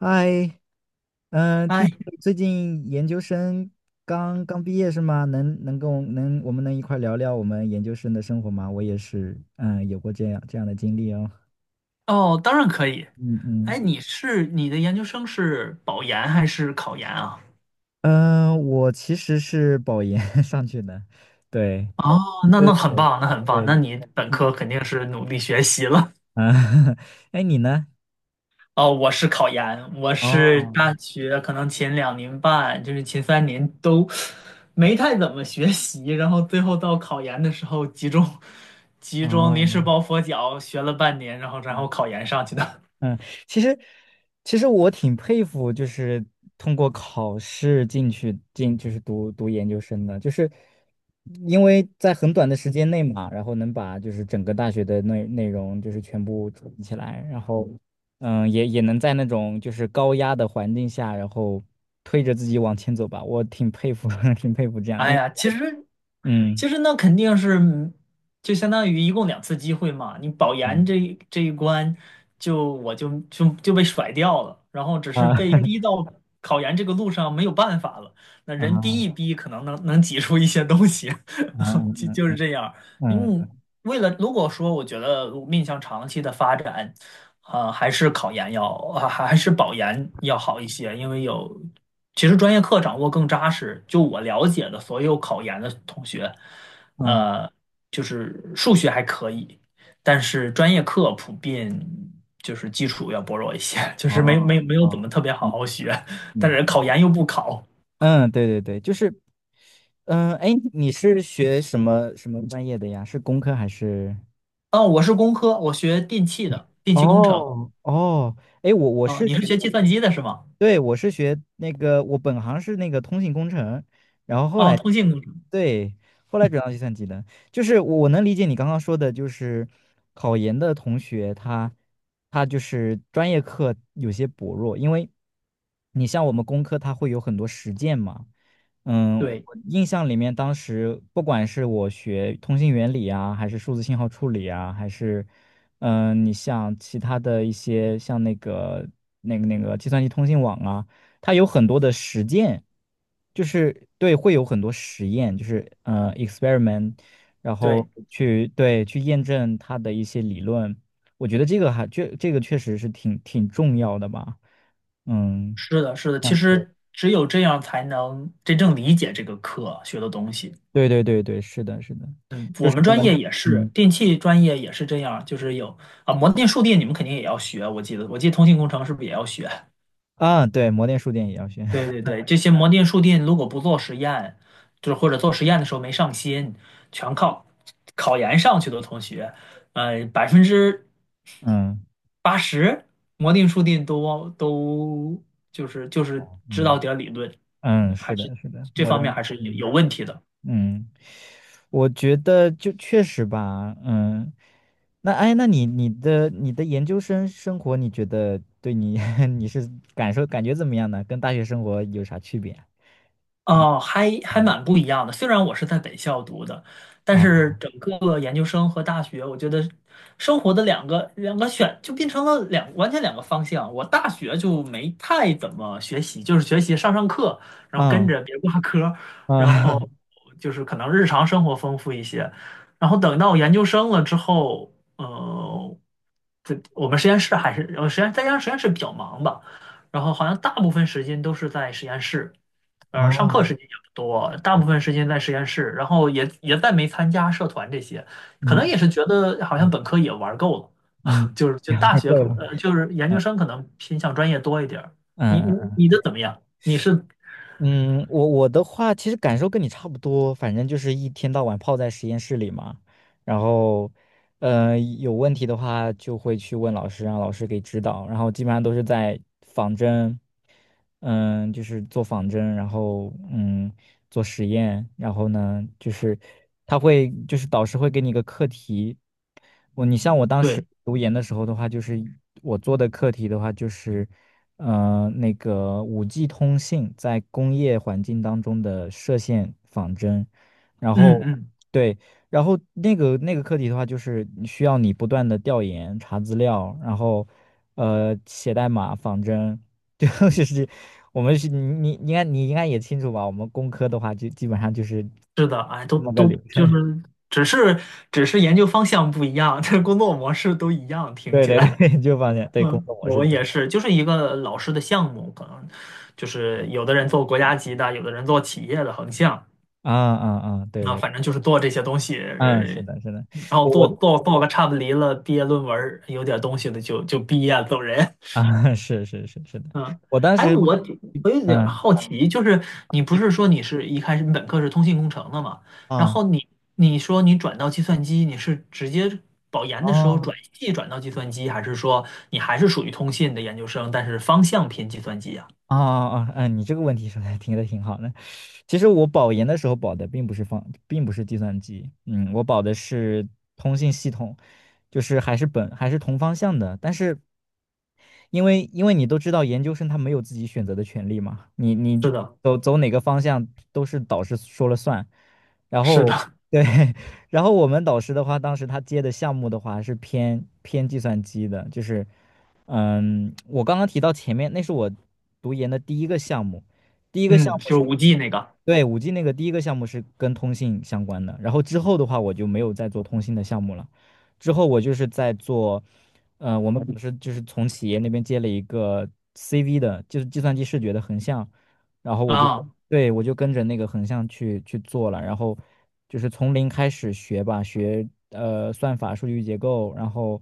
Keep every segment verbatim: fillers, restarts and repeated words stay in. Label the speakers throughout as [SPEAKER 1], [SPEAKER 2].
[SPEAKER 1] 嗨，嗯，听
[SPEAKER 2] 哎，
[SPEAKER 1] 说你最近研究生刚刚毕业是吗？能能跟我能我们能一块儿聊聊我们研究生的生活吗？我也是，嗯，有过这样这样的经历哦。
[SPEAKER 2] 哦，当然可以。
[SPEAKER 1] 嗯
[SPEAKER 2] 哎，
[SPEAKER 1] 嗯。
[SPEAKER 2] 你是你的研究生是保研还是考研啊？
[SPEAKER 1] 嗯，呃我其实是保研 上去的，对
[SPEAKER 2] 哦，那那很棒，那很棒。那
[SPEAKER 1] 对。
[SPEAKER 2] 你本科肯定是努力学习了。
[SPEAKER 1] 啊，哎，你呢？
[SPEAKER 2] 哦，我是考研，我是
[SPEAKER 1] 哦
[SPEAKER 2] 大学可能前两年半，就是前三年都没太怎么学习，然后最后到考研的时候集中集中临时
[SPEAKER 1] 哦。
[SPEAKER 2] 抱佛脚学了半年，然后然后考研上去的。
[SPEAKER 1] 嗯，其实其实我挺佩服，就是通过考试进去进就是读读研究生的，就是因为在很短的时间内嘛，然后能把就是整个大学的内内容就是全部统一起来，然后嗯也也能在那种就是高压的环境下，然后推着自己往前走吧，我挺佩服，挺佩服这样，
[SPEAKER 2] 哎
[SPEAKER 1] 因为
[SPEAKER 2] 呀，其实
[SPEAKER 1] 嗯。
[SPEAKER 2] 其实那肯定是，嗯就相当于一共两次机会嘛。你保研
[SPEAKER 1] 嗯。
[SPEAKER 2] 这一这一关就，我就就就被甩掉了，然后只是
[SPEAKER 1] 啊
[SPEAKER 2] 被逼到考研这个路上没有办法了。那
[SPEAKER 1] 啊
[SPEAKER 2] 人逼
[SPEAKER 1] 啊。
[SPEAKER 2] 一逼，可能能能挤出一些东西，就
[SPEAKER 1] 嗯。
[SPEAKER 2] 就是这样。因为
[SPEAKER 1] 嗯。
[SPEAKER 2] 为了如果说我觉得面向长期的发展，啊、还是考研要啊、还还是保研要好一些，因为有其实专业课掌握更扎实。就我了解的所有考研的同学，
[SPEAKER 1] 嗯。
[SPEAKER 2] 呃，就是数学还可以，但是专业课普遍就是基础要薄弱一些，就
[SPEAKER 1] 哦
[SPEAKER 2] 是没没没有怎
[SPEAKER 1] 哦。
[SPEAKER 2] 么特别好好学，但
[SPEAKER 1] 嗯
[SPEAKER 2] 是考研又不考。
[SPEAKER 1] 嗯，对对对，就是，嗯，哎，你是学什么什么专业的呀？是工科还是？
[SPEAKER 2] 啊，我是工科，我学电气的，电气工程。
[SPEAKER 1] 哦哦，哎，我我
[SPEAKER 2] 啊、
[SPEAKER 1] 是
[SPEAKER 2] 你是
[SPEAKER 1] 学，
[SPEAKER 2] 学计算机的是吗？
[SPEAKER 1] 对，我是学那个，我本行是那个通信工程，然后后
[SPEAKER 2] 哦，
[SPEAKER 1] 来，
[SPEAKER 2] 通信工程，
[SPEAKER 1] 对，后来转到计算机的，就是我能理解你刚刚说的，就是考研的同学他他就是专业课有些薄弱，因为你像我们工科，它会有很多实践嘛。嗯，
[SPEAKER 2] 对
[SPEAKER 1] 我印象里面，当时不管是我学通信原理啊，还是数字信号处理啊，还是，嗯、你像其他的一些像那个那个那个计算机通信网啊，它有很多的实践，就是对，会有很多实验，就是嗯 experiment，然后
[SPEAKER 2] 对，
[SPEAKER 1] 去对去验证它的一些理论。我觉得这个还这这个确实是挺挺重要的吧，嗯。
[SPEAKER 2] 是的，是的，其
[SPEAKER 1] 像
[SPEAKER 2] 实只有这样才能真正理解这个课学的东西。
[SPEAKER 1] 对对对对，是的，是的，
[SPEAKER 2] 嗯，
[SPEAKER 1] 就
[SPEAKER 2] 我
[SPEAKER 1] 是
[SPEAKER 2] 们专
[SPEAKER 1] 呢，
[SPEAKER 2] 业也是，
[SPEAKER 1] 嗯。
[SPEAKER 2] 电气专业也是这样，就是有啊，模电、数电你们肯定也要学，我记得，我记得通信工程是不是也要学？
[SPEAKER 1] 啊，对，模电数电也要学，
[SPEAKER 2] 对对 对，这些模电、数电如果不做实验，就是或者做实验的时候没上心，全靠考研上去的同学，呃，百分之
[SPEAKER 1] 嗯
[SPEAKER 2] 八十，摩定数定都都就是就是知道
[SPEAKER 1] 嗯
[SPEAKER 2] 点儿理论。
[SPEAKER 1] 嗯，
[SPEAKER 2] 嗯，
[SPEAKER 1] 是
[SPEAKER 2] 还是
[SPEAKER 1] 的，是的，
[SPEAKER 2] 这
[SPEAKER 1] 模
[SPEAKER 2] 方面
[SPEAKER 1] 电，
[SPEAKER 2] 还是有有
[SPEAKER 1] 嗯。
[SPEAKER 2] 问题的。
[SPEAKER 1] 嗯，我觉得就确实吧，嗯，那哎，那你你的你的研究生生活，你觉得对你 你是感受感觉怎么样呢？跟大学生活有啥区别啊？
[SPEAKER 2] 哦，还还
[SPEAKER 1] 嗯。
[SPEAKER 2] 蛮不一样的。虽然我是在北校读的，但
[SPEAKER 1] 啊。
[SPEAKER 2] 是整个研究生和大学，我觉得生活的两个两个选就变成了两完全两个方向。我大学就没太怎么学习，就是学习上上课，然后跟
[SPEAKER 1] 嗯。
[SPEAKER 2] 着别挂科，然后
[SPEAKER 1] 啊
[SPEAKER 2] 就是可能日常生活丰富一些。然后等到研究生了之后，呃，这我们实验室还是我实验再加上实验室比较忙吧，然后好像大部分时间都是在实验室。呃，上课
[SPEAKER 1] 哦。
[SPEAKER 2] 时间也不多，大部分时间在实验室，然后也也再没参加社团这些，可能
[SPEAKER 1] 嗯。
[SPEAKER 2] 也是觉得好像
[SPEAKER 1] 嗯。
[SPEAKER 2] 本科也玩够了，
[SPEAKER 1] 嗯，
[SPEAKER 2] 就是就大 学可
[SPEAKER 1] 够
[SPEAKER 2] 能
[SPEAKER 1] 了，
[SPEAKER 2] 呃就是研究生可能偏向专业多一点儿。你
[SPEAKER 1] 嗯嗯
[SPEAKER 2] 你
[SPEAKER 1] 嗯，
[SPEAKER 2] 你的怎
[SPEAKER 1] 对。
[SPEAKER 2] 么样？你是
[SPEAKER 1] 嗯，我我的话其实感受跟你差不多，反正就是一天到晚泡在实验室里嘛，然后，呃，有问题的话就会去问老师，让老师给指导。然后基本上都是在仿真，嗯，就是做仿真，然后嗯做实验，然后呢就是他会就是导师会给你一个课题。我你像我当时
[SPEAKER 2] 对，
[SPEAKER 1] 读研的时候的话，就是我做的课题的话就是呃那个五 g 通信在工业环境当中的射线仿真，然
[SPEAKER 2] 嗯
[SPEAKER 1] 后。
[SPEAKER 2] 嗯，
[SPEAKER 1] 对。然后那个那个课题的话，就是你需要你不断的调研、查资料，然后呃写代码、仿真，就是我们是你你应该你应该也清楚吧？我们工科的话，就基本上就是
[SPEAKER 2] 是的，哎，都
[SPEAKER 1] 这么个流
[SPEAKER 2] 都就
[SPEAKER 1] 程。
[SPEAKER 2] 是只是只是研究方向不一样，这工作模式都一样，听
[SPEAKER 1] 对
[SPEAKER 2] 起
[SPEAKER 1] 对对，
[SPEAKER 2] 来。
[SPEAKER 1] 就放现 对工
[SPEAKER 2] 嗯，
[SPEAKER 1] 作模式
[SPEAKER 2] 我
[SPEAKER 1] 都是
[SPEAKER 2] 也是，就是一个老师的项目，可能就
[SPEAKER 1] 这
[SPEAKER 2] 是
[SPEAKER 1] 样。
[SPEAKER 2] 有的人做国家级的，有的人做企业的横向。
[SPEAKER 1] 啊啊啊，对
[SPEAKER 2] 啊，
[SPEAKER 1] 对，
[SPEAKER 2] 反正就是做这些东西，
[SPEAKER 1] 嗯，是
[SPEAKER 2] 呃
[SPEAKER 1] 的，是的，
[SPEAKER 2] 然后
[SPEAKER 1] 我
[SPEAKER 2] 做
[SPEAKER 1] 我。
[SPEAKER 2] 做做个差不离了，毕业论文儿有点东西的就就毕业走人。
[SPEAKER 1] 啊，是是是是的，
[SPEAKER 2] 嗯，
[SPEAKER 1] 我当
[SPEAKER 2] 哎，
[SPEAKER 1] 时
[SPEAKER 2] 我我有点
[SPEAKER 1] 嗯，
[SPEAKER 2] 好奇，就是你不
[SPEAKER 1] 你
[SPEAKER 2] 是
[SPEAKER 1] 不
[SPEAKER 2] 说你是一开始你本科是通信工程的嘛？然
[SPEAKER 1] 啊。
[SPEAKER 2] 后你你说你转到计算机，你是直接保研的时候
[SPEAKER 1] 哦。
[SPEAKER 2] 转系转到计算机，还是说你还是属于通信的研究生，但是方向偏计算机啊？
[SPEAKER 1] 啊啊！哦嗯，你这个问题说的挺的挺好的。其实我保研的时候保的并不是方，并不是计算机，嗯，我保的是通信系统，就是还是本还是同方向的。但是因为因为你都知道，研究生他没有自己选择的权利嘛，你你
[SPEAKER 2] 是的，
[SPEAKER 1] 走走哪个方向都是导师说了算。然
[SPEAKER 2] 是
[SPEAKER 1] 后
[SPEAKER 2] 的，
[SPEAKER 1] 对，然后我们导师的话，当时他接的项目的话是偏偏计算机的，就是。嗯，我刚刚提到前面，那是我读研的第一个项目，第一个项
[SPEAKER 2] 嗯，就
[SPEAKER 1] 目
[SPEAKER 2] 是
[SPEAKER 1] 是，
[SPEAKER 2] 五 G 那个
[SPEAKER 1] 对，五 G 那个第一个项目是跟通信相关的，然后之后的话我就没有再做通信的项目了，之后我就是在做，呃，我们不是就是从企业那边接了一个 C V 的，就是计算机视觉的横向，然后我就。
[SPEAKER 2] 啊。
[SPEAKER 1] 对，我就跟着那个横向去去做了，然后就是从零开始学吧，学呃算法、数据结构，然后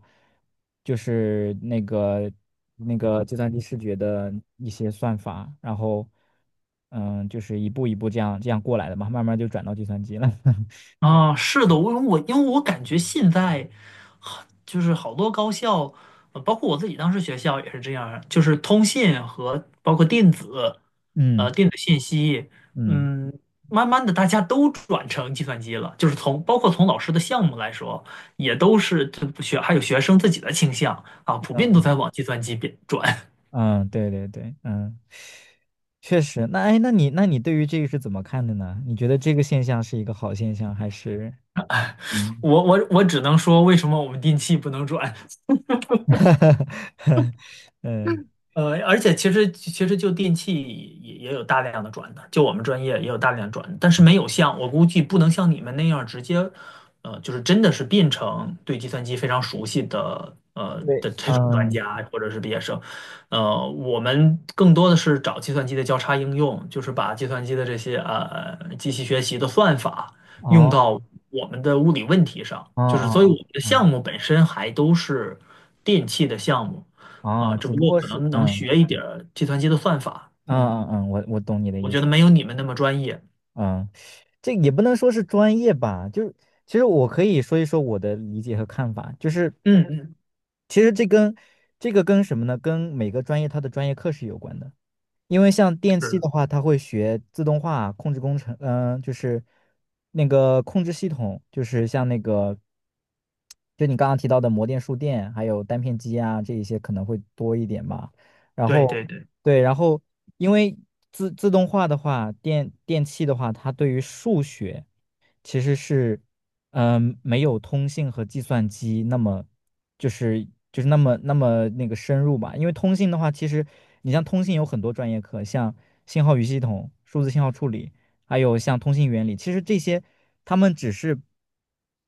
[SPEAKER 1] 就是那个那个计算机视觉的一些算法，然后嗯，就是一步一步这样这样过来的嘛，慢慢就转到计算机了。对，
[SPEAKER 2] 啊，是的，我我因为我感觉现在很就是好多高校，呃包括我自己当时学校也是这样儿就是通信和包括电子，呃，
[SPEAKER 1] 嗯
[SPEAKER 2] 电子信息，
[SPEAKER 1] 嗯
[SPEAKER 2] 嗯，慢慢的大家都转成计算机了，就是从包括从老师的项目来说，也都是这不学还有学生自己的倾向啊，普遍都
[SPEAKER 1] 嗯
[SPEAKER 2] 在往计算机变转。
[SPEAKER 1] 嗯，对对对，嗯，确实。那哎，那你那你对于这个是怎么看的呢？你觉得这个现象是一个好现象，还是嗯？
[SPEAKER 2] 我我我只能说，为什么我们电气不能转？
[SPEAKER 1] 哈哈哈，嗯
[SPEAKER 2] 呃，而且其实其实就电器也也有大量的转的，就我们专业也有大量转的，但是没有像我估计不能像你们那样直接，呃，就是真的是变成对计算机非常熟悉的呃
[SPEAKER 1] 对，
[SPEAKER 2] 的这种专
[SPEAKER 1] 嗯，
[SPEAKER 2] 家或者是毕业生，呃，我们更多的是找计算机的交叉应用，就是把计算机的这些呃机器学习的算法用
[SPEAKER 1] 哦
[SPEAKER 2] 到我们的物理问题上，
[SPEAKER 1] 哦
[SPEAKER 2] 就是所以我
[SPEAKER 1] 哦
[SPEAKER 2] 们的项
[SPEAKER 1] 哦
[SPEAKER 2] 目本身还都是电器的项目。
[SPEAKER 1] 哦
[SPEAKER 2] 啊，
[SPEAKER 1] 哦，
[SPEAKER 2] 只
[SPEAKER 1] 只
[SPEAKER 2] 不
[SPEAKER 1] 不
[SPEAKER 2] 过
[SPEAKER 1] 过
[SPEAKER 2] 可
[SPEAKER 1] 是
[SPEAKER 2] 能能
[SPEAKER 1] 嗯。
[SPEAKER 2] 学一点儿计算机的算法，
[SPEAKER 1] 嗯
[SPEAKER 2] 嗯，
[SPEAKER 1] 嗯嗯，我我懂你的
[SPEAKER 2] 我
[SPEAKER 1] 意
[SPEAKER 2] 觉
[SPEAKER 1] 思，
[SPEAKER 2] 得没有你们那么专业。
[SPEAKER 1] 嗯，这也不能说是专业吧，就是其实我可以说一说我的理解和看法，就是
[SPEAKER 2] 嗯嗯，
[SPEAKER 1] 其实这跟这个跟什么呢？跟每个专业它的专业课是有关的。因为像电
[SPEAKER 2] 是
[SPEAKER 1] 器
[SPEAKER 2] 的，
[SPEAKER 1] 的话，它会学自动化控制工程，嗯、就是那个控制系统，就是像那个，就你刚刚提到的模电、数电，还有单片机啊，这一些可能会多一点吧。然
[SPEAKER 2] 对对
[SPEAKER 1] 后，
[SPEAKER 2] 对，
[SPEAKER 1] 对，然后因为自自动化的话，电电器的话，它对于数学其实是。嗯，没有通信和计算机那么，就是就是那么那么那个深入吧。因为通信的话，其实你像通信有很多专业课，像信号与系统、数字信号处理，还有像通信原理，其实这些他们只是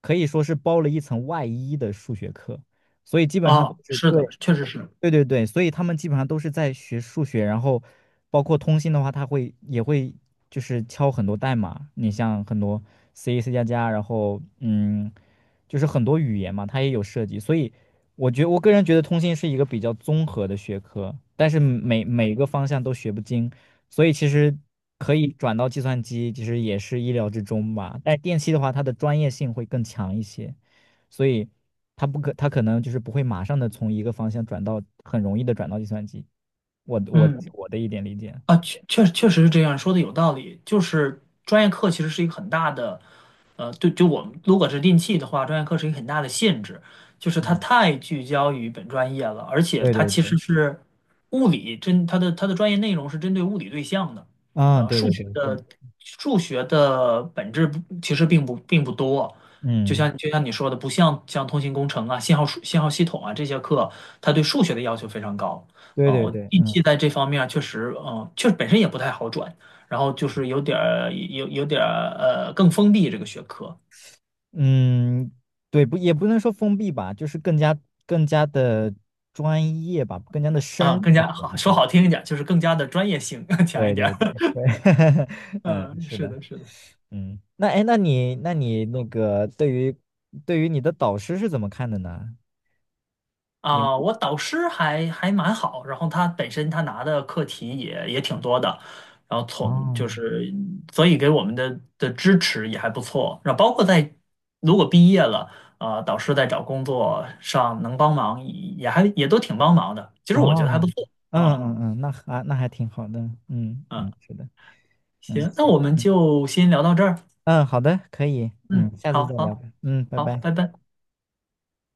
[SPEAKER 1] 可以说是包了一层外衣的数学课，所以基本上
[SPEAKER 2] 啊，
[SPEAKER 1] 是
[SPEAKER 2] 是的，
[SPEAKER 1] 对。
[SPEAKER 2] 确实是，
[SPEAKER 1] 对对对，所以他们基本上都是在学数学，然后包括通信的话，他会也会就是敲很多代码。你像很多 C、C 加加，然后嗯，就是很多语言嘛，它也有涉及。所以我觉我个人觉得通信是一个比较综合的学科，但是每每个方向都学不精，所以其实可以转到计算机，其实也是意料之中吧。但电气的话，它的专业性会更强一些。所以他不可，他可能就是不会马上的从一个方向转到，很容易的转到计算机。我我
[SPEAKER 2] 嗯。
[SPEAKER 1] 我的一点理解。
[SPEAKER 2] 啊，确确确实是这样，说的有道理。就是专业课其实是一个很大的，呃，对，就我们如果是电期的话，专业课是一个很大的限制，就是它
[SPEAKER 1] 嗯，
[SPEAKER 2] 太聚焦于本专业了，而且
[SPEAKER 1] 对
[SPEAKER 2] 它
[SPEAKER 1] 对
[SPEAKER 2] 其实
[SPEAKER 1] 对，
[SPEAKER 2] 是物理针，它的它的专业内容是针对物理对象的，
[SPEAKER 1] 啊，
[SPEAKER 2] 呃，
[SPEAKER 1] 对
[SPEAKER 2] 数
[SPEAKER 1] 对
[SPEAKER 2] 学
[SPEAKER 1] 对，是的，
[SPEAKER 2] 的数学的本质不其实并不并不多，就
[SPEAKER 1] 嗯，
[SPEAKER 2] 像就像你说的，不像像通信工程啊、信号数信号系统啊这些课，它对数学的要求非常高。
[SPEAKER 1] 对
[SPEAKER 2] 啊，
[SPEAKER 1] 对
[SPEAKER 2] 我
[SPEAKER 1] 对，
[SPEAKER 2] 运
[SPEAKER 1] 嗯
[SPEAKER 2] 气在这方面儿确实，嗯，确实本身也不太好转，然后就是有点儿有有点儿呃更封闭这个学科
[SPEAKER 1] 嗯，对，不也不能说封闭吧，就是更加更加的专业吧，更加的深
[SPEAKER 2] 啊，
[SPEAKER 1] 入
[SPEAKER 2] 更
[SPEAKER 1] 吧，
[SPEAKER 2] 加
[SPEAKER 1] 我
[SPEAKER 2] 好
[SPEAKER 1] 们
[SPEAKER 2] 说
[SPEAKER 1] 说。
[SPEAKER 2] 好听一点儿就是更加的专业性 强一
[SPEAKER 1] 对
[SPEAKER 2] 点
[SPEAKER 1] 对
[SPEAKER 2] 儿。
[SPEAKER 1] 对对，嗯，
[SPEAKER 2] 嗯，
[SPEAKER 1] 是
[SPEAKER 2] 是
[SPEAKER 1] 的，
[SPEAKER 2] 的，是的。
[SPEAKER 1] 嗯，那哎，那你那你那个对于对于你的导师是怎么看的呢？英
[SPEAKER 2] 啊，
[SPEAKER 1] 语
[SPEAKER 2] 我导师还还蛮好，然后他本身他拿的课题也也挺多的，然后从就
[SPEAKER 1] 哦
[SPEAKER 2] 是所以给我们的的支持也还不错，然后包括在如果毕业了，啊，导师在找工作上能帮忙也还也都挺帮忙的，其实我觉得还不
[SPEAKER 1] 哦，
[SPEAKER 2] 错
[SPEAKER 1] 嗯
[SPEAKER 2] 啊，
[SPEAKER 1] 嗯嗯，那还那还挺好的，嗯嗯，
[SPEAKER 2] 嗯，
[SPEAKER 1] 是的，嗯
[SPEAKER 2] 行，那
[SPEAKER 1] 行，
[SPEAKER 2] 我们
[SPEAKER 1] 嗯
[SPEAKER 2] 就先聊到这儿，
[SPEAKER 1] 嗯，好的，可以，嗯，
[SPEAKER 2] 嗯，
[SPEAKER 1] 下次
[SPEAKER 2] 好
[SPEAKER 1] 再聊
[SPEAKER 2] 好
[SPEAKER 1] 吧，嗯，拜
[SPEAKER 2] 好，
[SPEAKER 1] 拜。
[SPEAKER 2] 拜拜。